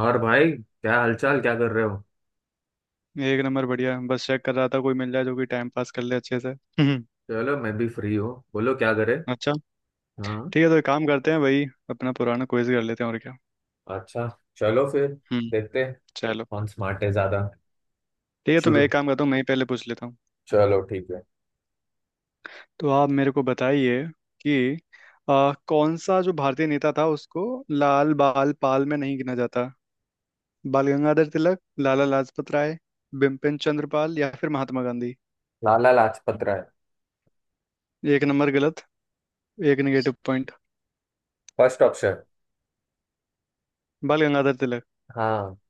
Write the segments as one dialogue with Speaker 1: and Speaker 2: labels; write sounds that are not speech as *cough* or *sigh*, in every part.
Speaker 1: और भाई, क्या हालचाल, क्या कर रहे हो।
Speaker 2: एक नंबर बढ़िया। बस चेक कर रहा था कोई मिल जाए जो कि टाइम पास कर ले अच्छे से। हम्म।
Speaker 1: चलो, मैं भी फ्री हूँ, बोलो क्या करे।
Speaker 2: अच्छा।
Speaker 1: हाँ।
Speaker 2: ठीक है, तो एक काम करते हैं भाई, अपना पुराना क्विज कर लेते हैं और क्या।
Speaker 1: अच्छा। चलो फिर।
Speaker 2: हम्म।
Speaker 1: देखते हैं।
Speaker 2: चलो
Speaker 1: कौन स्मार्ट है ज्यादा।
Speaker 2: ठीक है, तो मैं
Speaker 1: शुरू।
Speaker 2: एक काम करता हूँ। मैं ही पहले पूछ लेता हूँ।
Speaker 1: चलो ठीक है।
Speaker 2: तो आप मेरे को बताइए कि कौन सा जो भारतीय नेता था उसको लाल बाल पाल में नहीं गिना जाता। बाल गंगाधर तिलक, लाला लाजपत राय, बिपिन चंद्र पाल या फिर महात्मा गांधी।
Speaker 1: लाला लाजपत राय।
Speaker 2: एक नंबर गलत। 1 negative point.
Speaker 1: First option.
Speaker 2: Bal Gangadhar Tilak,
Speaker 1: हाँ।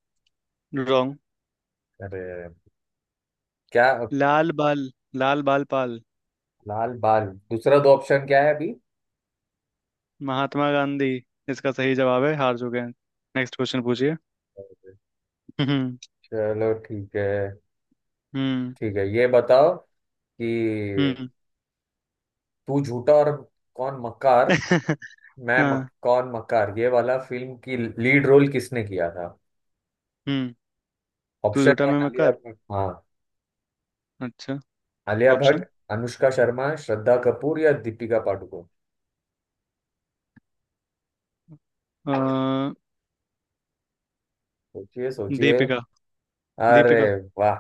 Speaker 2: रॉन्ग।
Speaker 1: अरे, क्या।
Speaker 2: लाल बाल लाल बाल पाल।
Speaker 1: लाल बाल। दूसरा दो ऑप्शन क्या है अभी।
Speaker 2: महात्मा गांधी, इसका सही जवाब है। हार चुके हैं। नेक्स्ट क्वेश्चन पूछिए।
Speaker 1: अरे,
Speaker 2: हम्म।
Speaker 1: चलो ठीक है।
Speaker 2: हम्म।
Speaker 1: ठीक है, ये बताओ कि
Speaker 2: हम्म।
Speaker 1: तू झूठा और कौन मक्कार।
Speaker 2: *laughs* हाँ।
Speaker 1: कौन मक्कार, ये वाला फिल्म की लीड रोल किसने किया था।
Speaker 2: हम्म। तू
Speaker 1: ऑप्शन
Speaker 2: झूठा
Speaker 1: है,
Speaker 2: मैं
Speaker 1: आलिया
Speaker 2: मक्कार।
Speaker 1: भट्ट, हाँ।
Speaker 2: अच्छा।
Speaker 1: आलिया भट्ट,
Speaker 2: ऑप्शन
Speaker 1: अनुष्का शर्मा, श्रद्धा कपूर या दीपिका पादुकोण। सोचिए सोचिए।
Speaker 2: दीपिका,
Speaker 1: अरे
Speaker 2: दीपिका।
Speaker 1: वाह।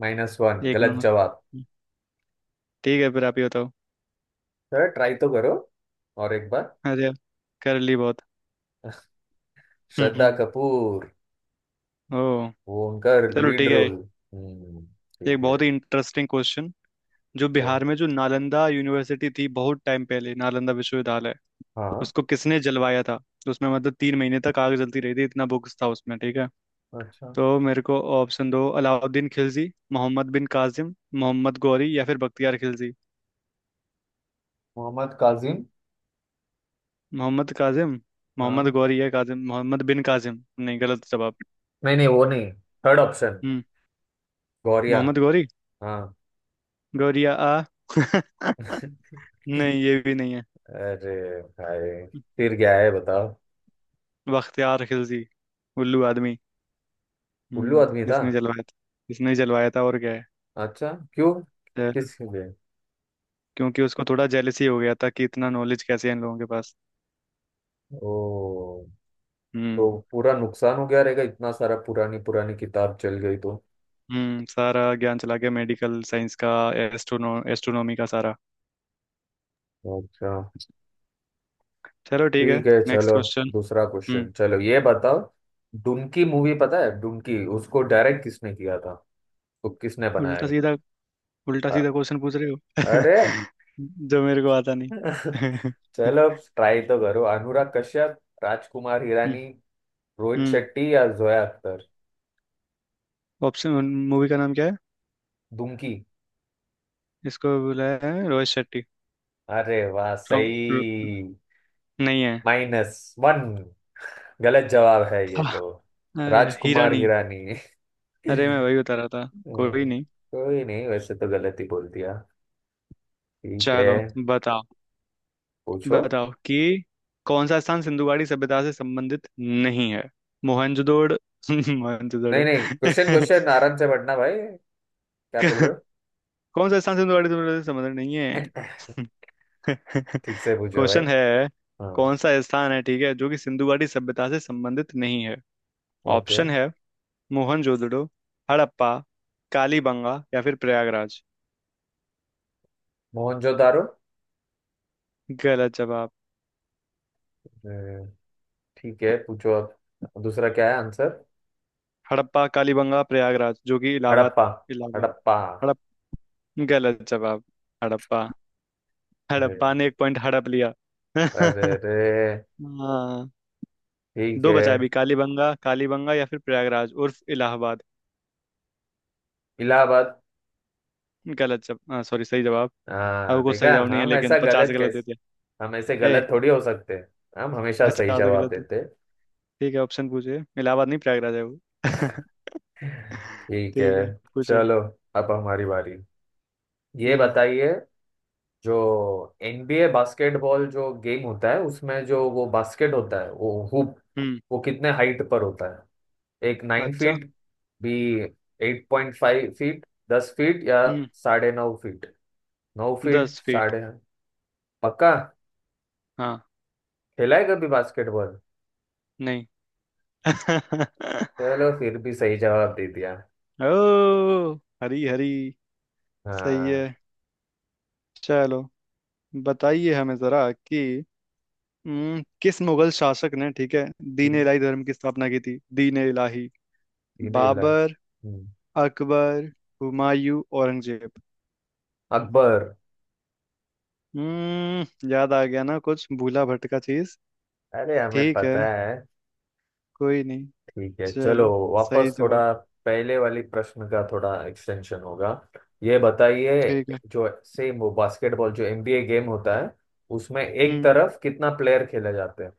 Speaker 1: -1,
Speaker 2: एक
Speaker 1: गलत
Speaker 2: नंबर।
Speaker 1: जवाब।
Speaker 2: ठीक है, फिर आप ही बताओ।
Speaker 1: सर ट्राई तो करो और एक बार।
Speaker 2: अरे कर ली बहुत।
Speaker 1: श्रद्धा
Speaker 2: हम्म।
Speaker 1: कपूर।
Speaker 2: ओ।
Speaker 1: वो उनका
Speaker 2: चलो
Speaker 1: लीड
Speaker 2: ठीक है।
Speaker 1: रोल। हम्म।
Speaker 2: एक
Speaker 1: ठीक है।
Speaker 2: बहुत ही इंटरेस्टिंग क्वेश्चन। जो
Speaker 1: अच्छा।
Speaker 2: बिहार में जो नालंदा यूनिवर्सिटी थी बहुत टाइम पहले, नालंदा विश्वविद्यालय
Speaker 1: हाँ।
Speaker 2: उसको किसने जलवाया था। तो उसमें मतलब 3 महीने तक आग जलती रही थी, इतना बुक्स था उसमें। ठीक है।
Speaker 1: अच्छा।
Speaker 2: तो मेरे को ऑप्शन दो। अलाउद्दीन खिलजी, मोहम्मद बिन कासिम, मोहम्मद गौरी या फिर बख्तियार खिलजी।
Speaker 1: मोहम्मद काजिम।
Speaker 2: मोहम्मद कासिम, मोहम्मद
Speaker 1: हाँ।
Speaker 2: गौरी या कासिम, मोहम्मद बिन कासिम, नहीं गलत जवाब।
Speaker 1: नहीं नहीं वो नहीं। Third option.
Speaker 2: हम्म।
Speaker 1: गौरिया।
Speaker 2: मोहम्मद गौरी।
Speaker 1: हाँ।
Speaker 2: गौरिया आ *laughs* नहीं,
Speaker 1: *laughs*
Speaker 2: ये भी नहीं है।
Speaker 1: अरे भाई, फिर क्या है बताओ।
Speaker 2: बख्तियार खिलजी, उल्लू आदमी।
Speaker 1: उल्लू
Speaker 2: हम्म।
Speaker 1: आदमी था।
Speaker 2: जिसने जलवाया था। जिसने जलवाया था और क्या है।
Speaker 1: अच्छा, क्यों।
Speaker 2: अ,
Speaker 1: किस लिए।
Speaker 2: क्योंकि उसको थोड़ा जेलसी हो गया था कि इतना नॉलेज कैसे है इन लोगों के पास।
Speaker 1: ओ। तो
Speaker 2: हम्म।
Speaker 1: पूरा नुकसान हो गया रहेगा, इतना सारा पुरानी पुरानी किताब चल गई तो।
Speaker 2: हम्म। सारा ज्ञान चला गया मेडिकल साइंस का। एस्ट्रोनो एस्ट्रोनॉमी का सारा।
Speaker 1: अच्छा।
Speaker 2: चलो ठीक है।
Speaker 1: ठीक है
Speaker 2: नेक्स्ट
Speaker 1: चलो।
Speaker 2: क्वेश्चन।
Speaker 1: दूसरा
Speaker 2: हम्म।
Speaker 1: क्वेश्चन, चलो ये बताओ। डुनकी मूवी पता है। डुनकी उसको डायरेक्ट किसने किया था। तो किसने बनाया।
Speaker 2: उल्टा सीधा उल्टा
Speaker 1: अ-
Speaker 2: सीधा क्वेश्चन पूछ रहे
Speaker 1: अरे।
Speaker 2: हो। *laughs* जो मेरे को आता नहीं।
Speaker 1: *laughs*
Speaker 2: *laughs*
Speaker 1: चलो, ट्राई तो करो। अनुराग कश्यप, राजकुमार हिरानी, रोहित
Speaker 2: हम्म।
Speaker 1: शेट्टी या जोया अख्तर।
Speaker 2: ऑप्शन मूवी का नाम क्या है।
Speaker 1: डुनकी।
Speaker 2: इसको बोला है रोहित शेट्टी।
Speaker 1: अरे वाह
Speaker 2: रॉन्ग।
Speaker 1: सही।
Speaker 2: नहीं है।
Speaker 1: -1। गलत जवाब है ये तो।
Speaker 2: *laughs* हाँ, अरे हीरा
Speaker 1: राजकुमार
Speaker 2: नहीं।
Speaker 1: हिरानी। *laughs* *laughs*
Speaker 2: अरे मैं वही बता रहा था, कोई
Speaker 1: हम्म,
Speaker 2: नहीं।
Speaker 1: कोई नहीं, वैसे तो गलत ही बोल दिया। ठीक है
Speaker 2: चलो। बताओ।
Speaker 1: पूछो।
Speaker 2: बताओ कि कौन सा स्थान सिंधुगाड़ी सभ्यता से संबंधित नहीं है। मोहनजोदड़ो। *laughs*
Speaker 1: नहीं
Speaker 2: मोहनजोदड़ो।
Speaker 1: नहीं, क्वेश्चन क्वेश्चन आराम से पढ़ना भाई। क्या बोल रहे हो।
Speaker 2: *laughs* कौन सा स्थान सिंधुगाड़ी सभ्यता से संबंधित नहीं है। *laughs*
Speaker 1: *laughs* ठीक से पूछो भाई।
Speaker 2: क्वेश्चन है।
Speaker 1: हाँ।
Speaker 2: कौन सा स्थान है, ठीक है, जो कि सिंधुगाड़ी सभ्यता से संबंधित नहीं है।
Speaker 1: ओके।
Speaker 2: ऑप्शन है। मोहनजोदड़ो, हड़प्पा, कालीबंगा या फिर प्रयागराज।
Speaker 1: मोहनजोदारो।
Speaker 2: गलत जवाब।
Speaker 1: अ, ठीक है, पूछो अब दूसरा क्या है आंसर।
Speaker 2: हड़प्पा, कालीबंगा, प्रयागराज जो कि इलाहाबाद,
Speaker 1: हड़प्पा।
Speaker 2: इलाहाबाद।
Speaker 1: हड़प्पा।
Speaker 2: हड़प गलत जवाब। हड़प्पा।
Speaker 1: अरे
Speaker 2: हड़प्पा ने 1 पॉइंट हड़प लिया। *laughs*
Speaker 1: अरे
Speaker 2: हाँ।
Speaker 1: अरे। ठीक
Speaker 2: दो
Speaker 1: है।
Speaker 2: बचा अभी। कालीबंगा कालीबंगा या फिर प्रयागराज उर्फ इलाहाबाद।
Speaker 1: इलाहाबाद।
Speaker 2: गलत जवाब, सॉरी सही जवाब।
Speaker 1: हाँ
Speaker 2: अब कुछ सही
Speaker 1: देखा,
Speaker 2: जवाब नहीं है
Speaker 1: हम
Speaker 2: लेकिन
Speaker 1: ऐसा
Speaker 2: पचास
Speaker 1: गलत
Speaker 2: गलत दे
Speaker 1: कैसे।
Speaker 2: दिया।
Speaker 1: हम ऐसे
Speaker 2: ए
Speaker 1: गलत थोड़ी हो सकते हैं, हम हमेशा सही
Speaker 2: पचास
Speaker 1: जवाब
Speaker 2: गलत दे।
Speaker 1: देते।
Speaker 2: ठीक है, ऑप्शन पूछिए। इलाहाबाद नहीं, प्रयागराज है वो। *laughs*
Speaker 1: ठीक है
Speaker 2: ठीक है, पूछो।
Speaker 1: चलो। अब हमारी बारी। ये
Speaker 2: हम्म।
Speaker 1: बताइए, जो एनबीए बास्केटबॉल जो गेम होता है, उसमें जो वो बास्केट होता है, वो हुप,
Speaker 2: हम्म।
Speaker 1: वो कितने हाइट पर होता है। एक, नाइन
Speaker 2: अच्छा।
Speaker 1: फीट बी, 8.5 फीट, 10 फीट या
Speaker 2: हम्म।
Speaker 1: 9.5 फीट। नौ फीट
Speaker 2: 10 फीट।
Speaker 1: साढ़े पक्का।
Speaker 2: हाँ।
Speaker 1: खेला है कभी बास्केटबॉल।
Speaker 2: नहीं। *laughs*
Speaker 1: चलो फिर भी सही जवाब दे दिया।
Speaker 2: ओ। हरी हरी, सही है।
Speaker 1: हाँ।
Speaker 2: चलो, बताइए हमें जरा कि किस मुगल शासक ने, ठीक है, दीन
Speaker 1: हम्म,
Speaker 2: इलाही धर्म की स्थापना की थी, दीन इलाही।
Speaker 1: तीनों इलाज।
Speaker 2: बाबर,
Speaker 1: हम्म,
Speaker 2: अकबर, हुमायूं, औरंगजेब।
Speaker 1: अकबर।
Speaker 2: हम्म। याद आ गया ना कुछ भूला भटका चीज।
Speaker 1: अरे हमें
Speaker 2: ठीक है,
Speaker 1: पता है।
Speaker 2: कोई नहीं।
Speaker 1: ठीक है चलो।
Speaker 2: चलो। सही
Speaker 1: वापस
Speaker 2: जवाब।
Speaker 1: थोड़ा। पहले वाली प्रश्न का थोड़ा एक्सटेंशन होगा। ये
Speaker 2: ठीक
Speaker 1: बताइए,
Speaker 2: है।
Speaker 1: जो सेम वो बास्केटबॉल जो एनबीए गेम होता है, उसमें एक
Speaker 2: हम्म।
Speaker 1: तरफ कितना प्लेयर खेले जाते हैं।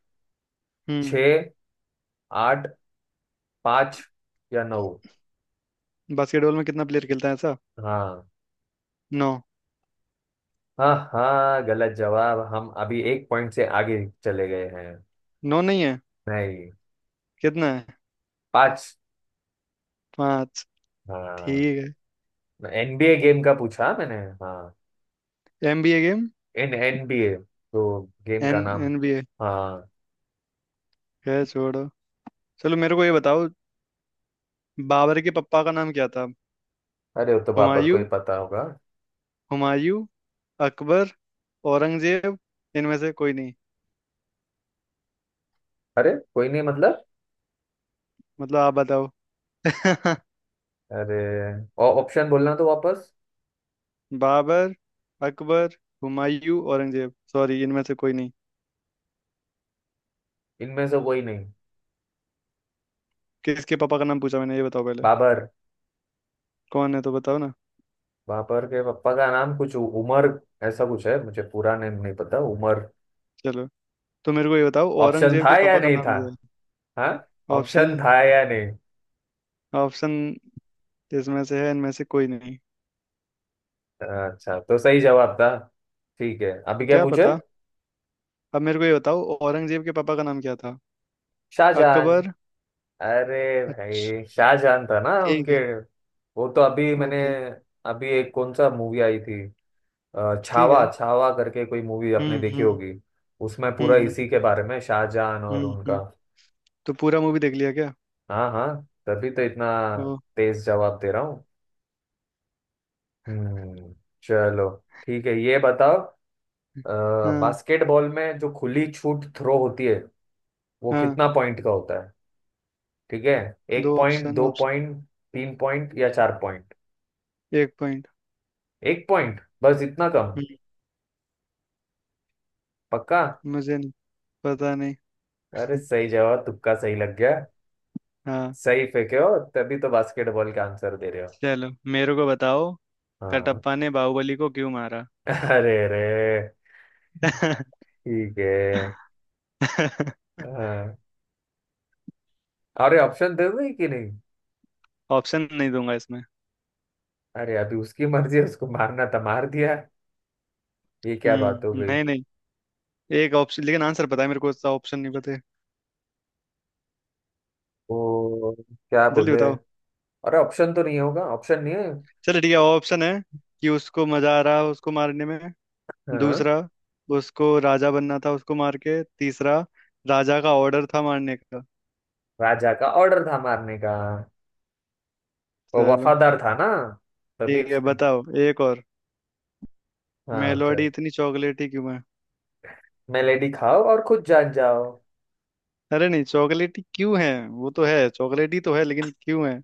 Speaker 2: हम्म।
Speaker 1: छः, आठ, पाँच या नौ।
Speaker 2: बास्केटबॉल में कितना प्लेयर खेलता है ऐसा।
Speaker 1: हाँ।
Speaker 2: नौ।
Speaker 1: हाँ हाँ, गलत जवाब, हम अभी 1 पॉइंट से आगे चले गए हैं।
Speaker 2: नौ नहीं है।
Speaker 1: नहीं।
Speaker 2: कितना है?
Speaker 1: पाँच।
Speaker 2: पांच। ठीक
Speaker 1: हाँ।
Speaker 2: है।
Speaker 1: एनबीए गेम का पूछा मैंने। हाँ।
Speaker 2: NBA game.
Speaker 1: इन एनबीए। तो गेम
Speaker 2: एन
Speaker 1: का नाम।
Speaker 2: एनबीए
Speaker 1: हाँ।
Speaker 2: है, छोड़ो। चलो, मेरे को ये बताओ, बाबर के पप्पा का नाम क्या था।
Speaker 1: अरे, वो तो बाबर को
Speaker 2: हुमायूं
Speaker 1: ही पता होगा।
Speaker 2: हुमायूं, अकबर, औरंगजेब, इनमें से कोई नहीं।
Speaker 1: अरे कोई नहीं मतलब।
Speaker 2: मतलब आप बताओ। *laughs*
Speaker 1: अरे, और ऑप्शन बोलना तो वापस।
Speaker 2: बाबर, अकबर, हुमायूं, औरंगजेब, सॉरी इनमें से कोई नहीं।
Speaker 1: इनमें से कोई नहीं।
Speaker 2: किसके पापा का नाम पूछा मैंने, ये बताओ पहले।
Speaker 1: बाबर।
Speaker 2: कौन है तो बताओ ना।
Speaker 1: बाबर के पापा का नाम कुछ उमर। ऐसा कुछ है, मुझे पूरा नेम नहीं पता, उमर।
Speaker 2: चलो, तो मेरे को ये बताओ
Speaker 1: ऑप्शन
Speaker 2: औरंगजेब
Speaker 1: था
Speaker 2: के
Speaker 1: या
Speaker 2: पापा का
Speaker 1: नहीं
Speaker 2: नाम
Speaker 1: था।
Speaker 2: क्या
Speaker 1: हाँ।
Speaker 2: है ऑप्शन।
Speaker 1: ऑप्शन था या नहीं।
Speaker 2: ऑप्शन इसमें से है इनमें से कोई नहीं।
Speaker 1: अच्छा तो सही जवाब था। ठीक है, अभी क्या
Speaker 2: क्या
Speaker 1: पूछे।
Speaker 2: पता। अब मेरे को ये बताओ औरंगजेब के पापा का नाम क्या था।
Speaker 1: शाहजहान।
Speaker 2: अकबर।
Speaker 1: अरे
Speaker 2: अच्छा।
Speaker 1: भाई, शाहजहान था ना
Speaker 2: ठीक
Speaker 1: उनके।
Speaker 2: है,
Speaker 1: वो तो अभी मैंने।
Speaker 2: ओके।
Speaker 1: अभी एक कौन सा मूवी आई थी।
Speaker 2: ठीक
Speaker 1: छावा,
Speaker 2: है।
Speaker 1: छावा करके कोई मूवी आपने
Speaker 2: हम्म।
Speaker 1: देखी
Speaker 2: हम्म।
Speaker 1: होगी। उसमें
Speaker 2: हम्म।
Speaker 1: पूरा
Speaker 2: हम्म।
Speaker 1: इसी के बारे में, शाहजहान
Speaker 2: हम्म।
Speaker 1: और उनका।
Speaker 2: हम्म। तो पूरा मूवी देख लिया क्या?
Speaker 1: हाँ हाँ। तभी तो इतना
Speaker 2: ओ।
Speaker 1: तेज जवाब दे रहा हूँ। हम्म। चलो। ठीक है, ये बताओ।
Speaker 2: हाँ,
Speaker 1: बास्केटबॉल में जो खुली छूट थ्रो होती है वो
Speaker 2: हाँ।
Speaker 1: कितना पॉइंट का होता है। ठीक है। एक
Speaker 2: दो
Speaker 1: पॉइंट
Speaker 2: ऑप्शन,
Speaker 1: दो पॉइंट 3 पॉइंट या 4 पॉइंट।
Speaker 2: 1 पॉइंट,
Speaker 1: 1 पॉइंट बस, इतना कम। पक्का।
Speaker 2: मुझे नहीं। पता नहीं।
Speaker 1: अरे
Speaker 2: *laughs*
Speaker 1: सही जवाब, तुक्का सही लग गया।
Speaker 2: हाँ।
Speaker 1: सही फेंके हो तभी तो बास्केटबॉल का आंसर दे रहे हो।
Speaker 2: चलो, मेरे को बताओ,
Speaker 1: हाँ।
Speaker 2: कटप्पा ने बाहुबली को क्यों मारा?
Speaker 1: अरे रे।
Speaker 2: *laughs*
Speaker 1: ठीक है। हाँ, अरे ऑप्शन दे दो कि नहीं।
Speaker 2: ऑप्शन नहीं दूंगा इसमें।
Speaker 1: अरे अभी उसकी मर्जी है, उसको मारना था मार दिया। ये क्या बात हो
Speaker 2: हम्म।
Speaker 1: गई।
Speaker 2: नहीं, नहीं, एक ऑप्शन लेकिन आंसर पता है मेरे को, उसका ऑप्शन नहीं पता है।
Speaker 1: वो क्या
Speaker 2: जल्दी
Speaker 1: बोले।
Speaker 2: बताओ।
Speaker 1: अरे ऑप्शन तो नहीं होगा, ऑप्शन नहीं है।
Speaker 2: चलो ठीक है, ऑप्शन है कि उसको मजा आ रहा उसको मारने में।
Speaker 1: हाँ।
Speaker 2: दूसरा, उसको राजा बनना था उसको मार के। तीसरा, राजा का ऑर्डर था मारने का।
Speaker 1: राजा का ऑर्डर था मारने का। वो
Speaker 2: चलो
Speaker 1: वफादार था ना, तभी
Speaker 2: ठीक है,
Speaker 1: उसने।
Speaker 2: बताओ एक और।
Speaker 1: हाँ
Speaker 2: मेलोडी
Speaker 1: सर।
Speaker 2: इतनी चॉकलेटी क्यों?
Speaker 1: मेलेडी खाओ और खुद जान जाओ।
Speaker 2: अरे नहीं, चॉकलेटी क्यों है, वो तो है चॉकलेटी, तो है लेकिन क्यों है।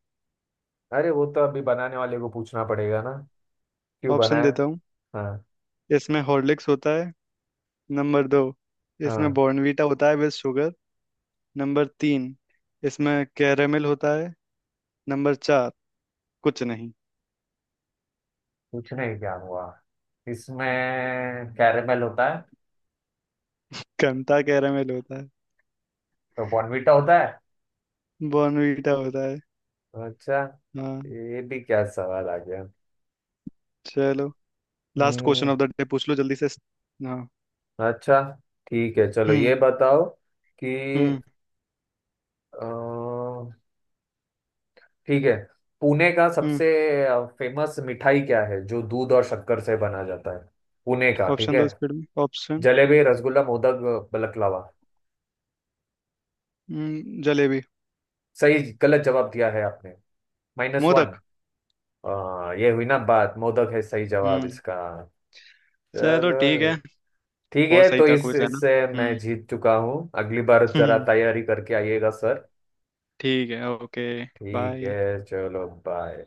Speaker 1: अरे वो तो अभी बनाने वाले को पूछना पड़ेगा ना, क्यों
Speaker 2: ऑप्शन
Speaker 1: बनाया।
Speaker 2: देता हूँ।
Speaker 1: हाँ।
Speaker 2: इसमें हॉर्लिक्स होता है। नंबर 2, इसमें
Speaker 1: हाँ।
Speaker 2: बॉर्नवीटा होता है विद शुगर। नंबर 3, इसमें कैरेमल होता है। नंबर 4, कुछ नहीं।
Speaker 1: पूछने ही क्या हुआ। इसमें कैरेमल होता है।
Speaker 2: कंता कैरेमल होता है?
Speaker 1: तो बॉर्नवीटा होता है।
Speaker 2: बॉर्नवीटा होता है।
Speaker 1: अच्छा।
Speaker 2: हाँ।
Speaker 1: ये भी क्या सवाल आ गया।
Speaker 2: चलो। Last question
Speaker 1: hmm.
Speaker 2: Of the day पूछ लो जल्दी से। हाँ।
Speaker 1: अच्छा। ठीक है चलो ये
Speaker 2: हम्म।
Speaker 1: बताओ कि
Speaker 2: हम्म।
Speaker 1: अ, ठीक है, पुणे का
Speaker 2: हम्म।
Speaker 1: सबसे फेमस मिठाई क्या है जो दूध और शक्कर से बना जाता है। पुणे का। ठीक
Speaker 2: ऑप्शन
Speaker 1: है।
Speaker 2: दो स्पीड में, ऑप्शन।
Speaker 1: जलेबी, रसगुल्ला, मोदक, बलकलावा।
Speaker 2: जलेबी।
Speaker 1: सही, गलत जवाब दिया है आपने। -1।
Speaker 2: मोदक।
Speaker 1: ये हुई ना बात, मोदक है सही जवाब
Speaker 2: हम्म।
Speaker 1: इसका।
Speaker 2: चलो ठीक है।
Speaker 1: चलो। ठीक
Speaker 2: बहुत
Speaker 1: है,
Speaker 2: सही
Speaker 1: तो
Speaker 2: था
Speaker 1: इस
Speaker 2: क्विज है ना।
Speaker 1: इससे मैं
Speaker 2: हम्म।
Speaker 1: जीत चुका हूँ, अगली बार जरा
Speaker 2: हम्म।
Speaker 1: तैयारी करके आइएगा सर।
Speaker 2: ठीक है, ओके।
Speaker 1: ठीक
Speaker 2: बाय।
Speaker 1: है चलो बाय।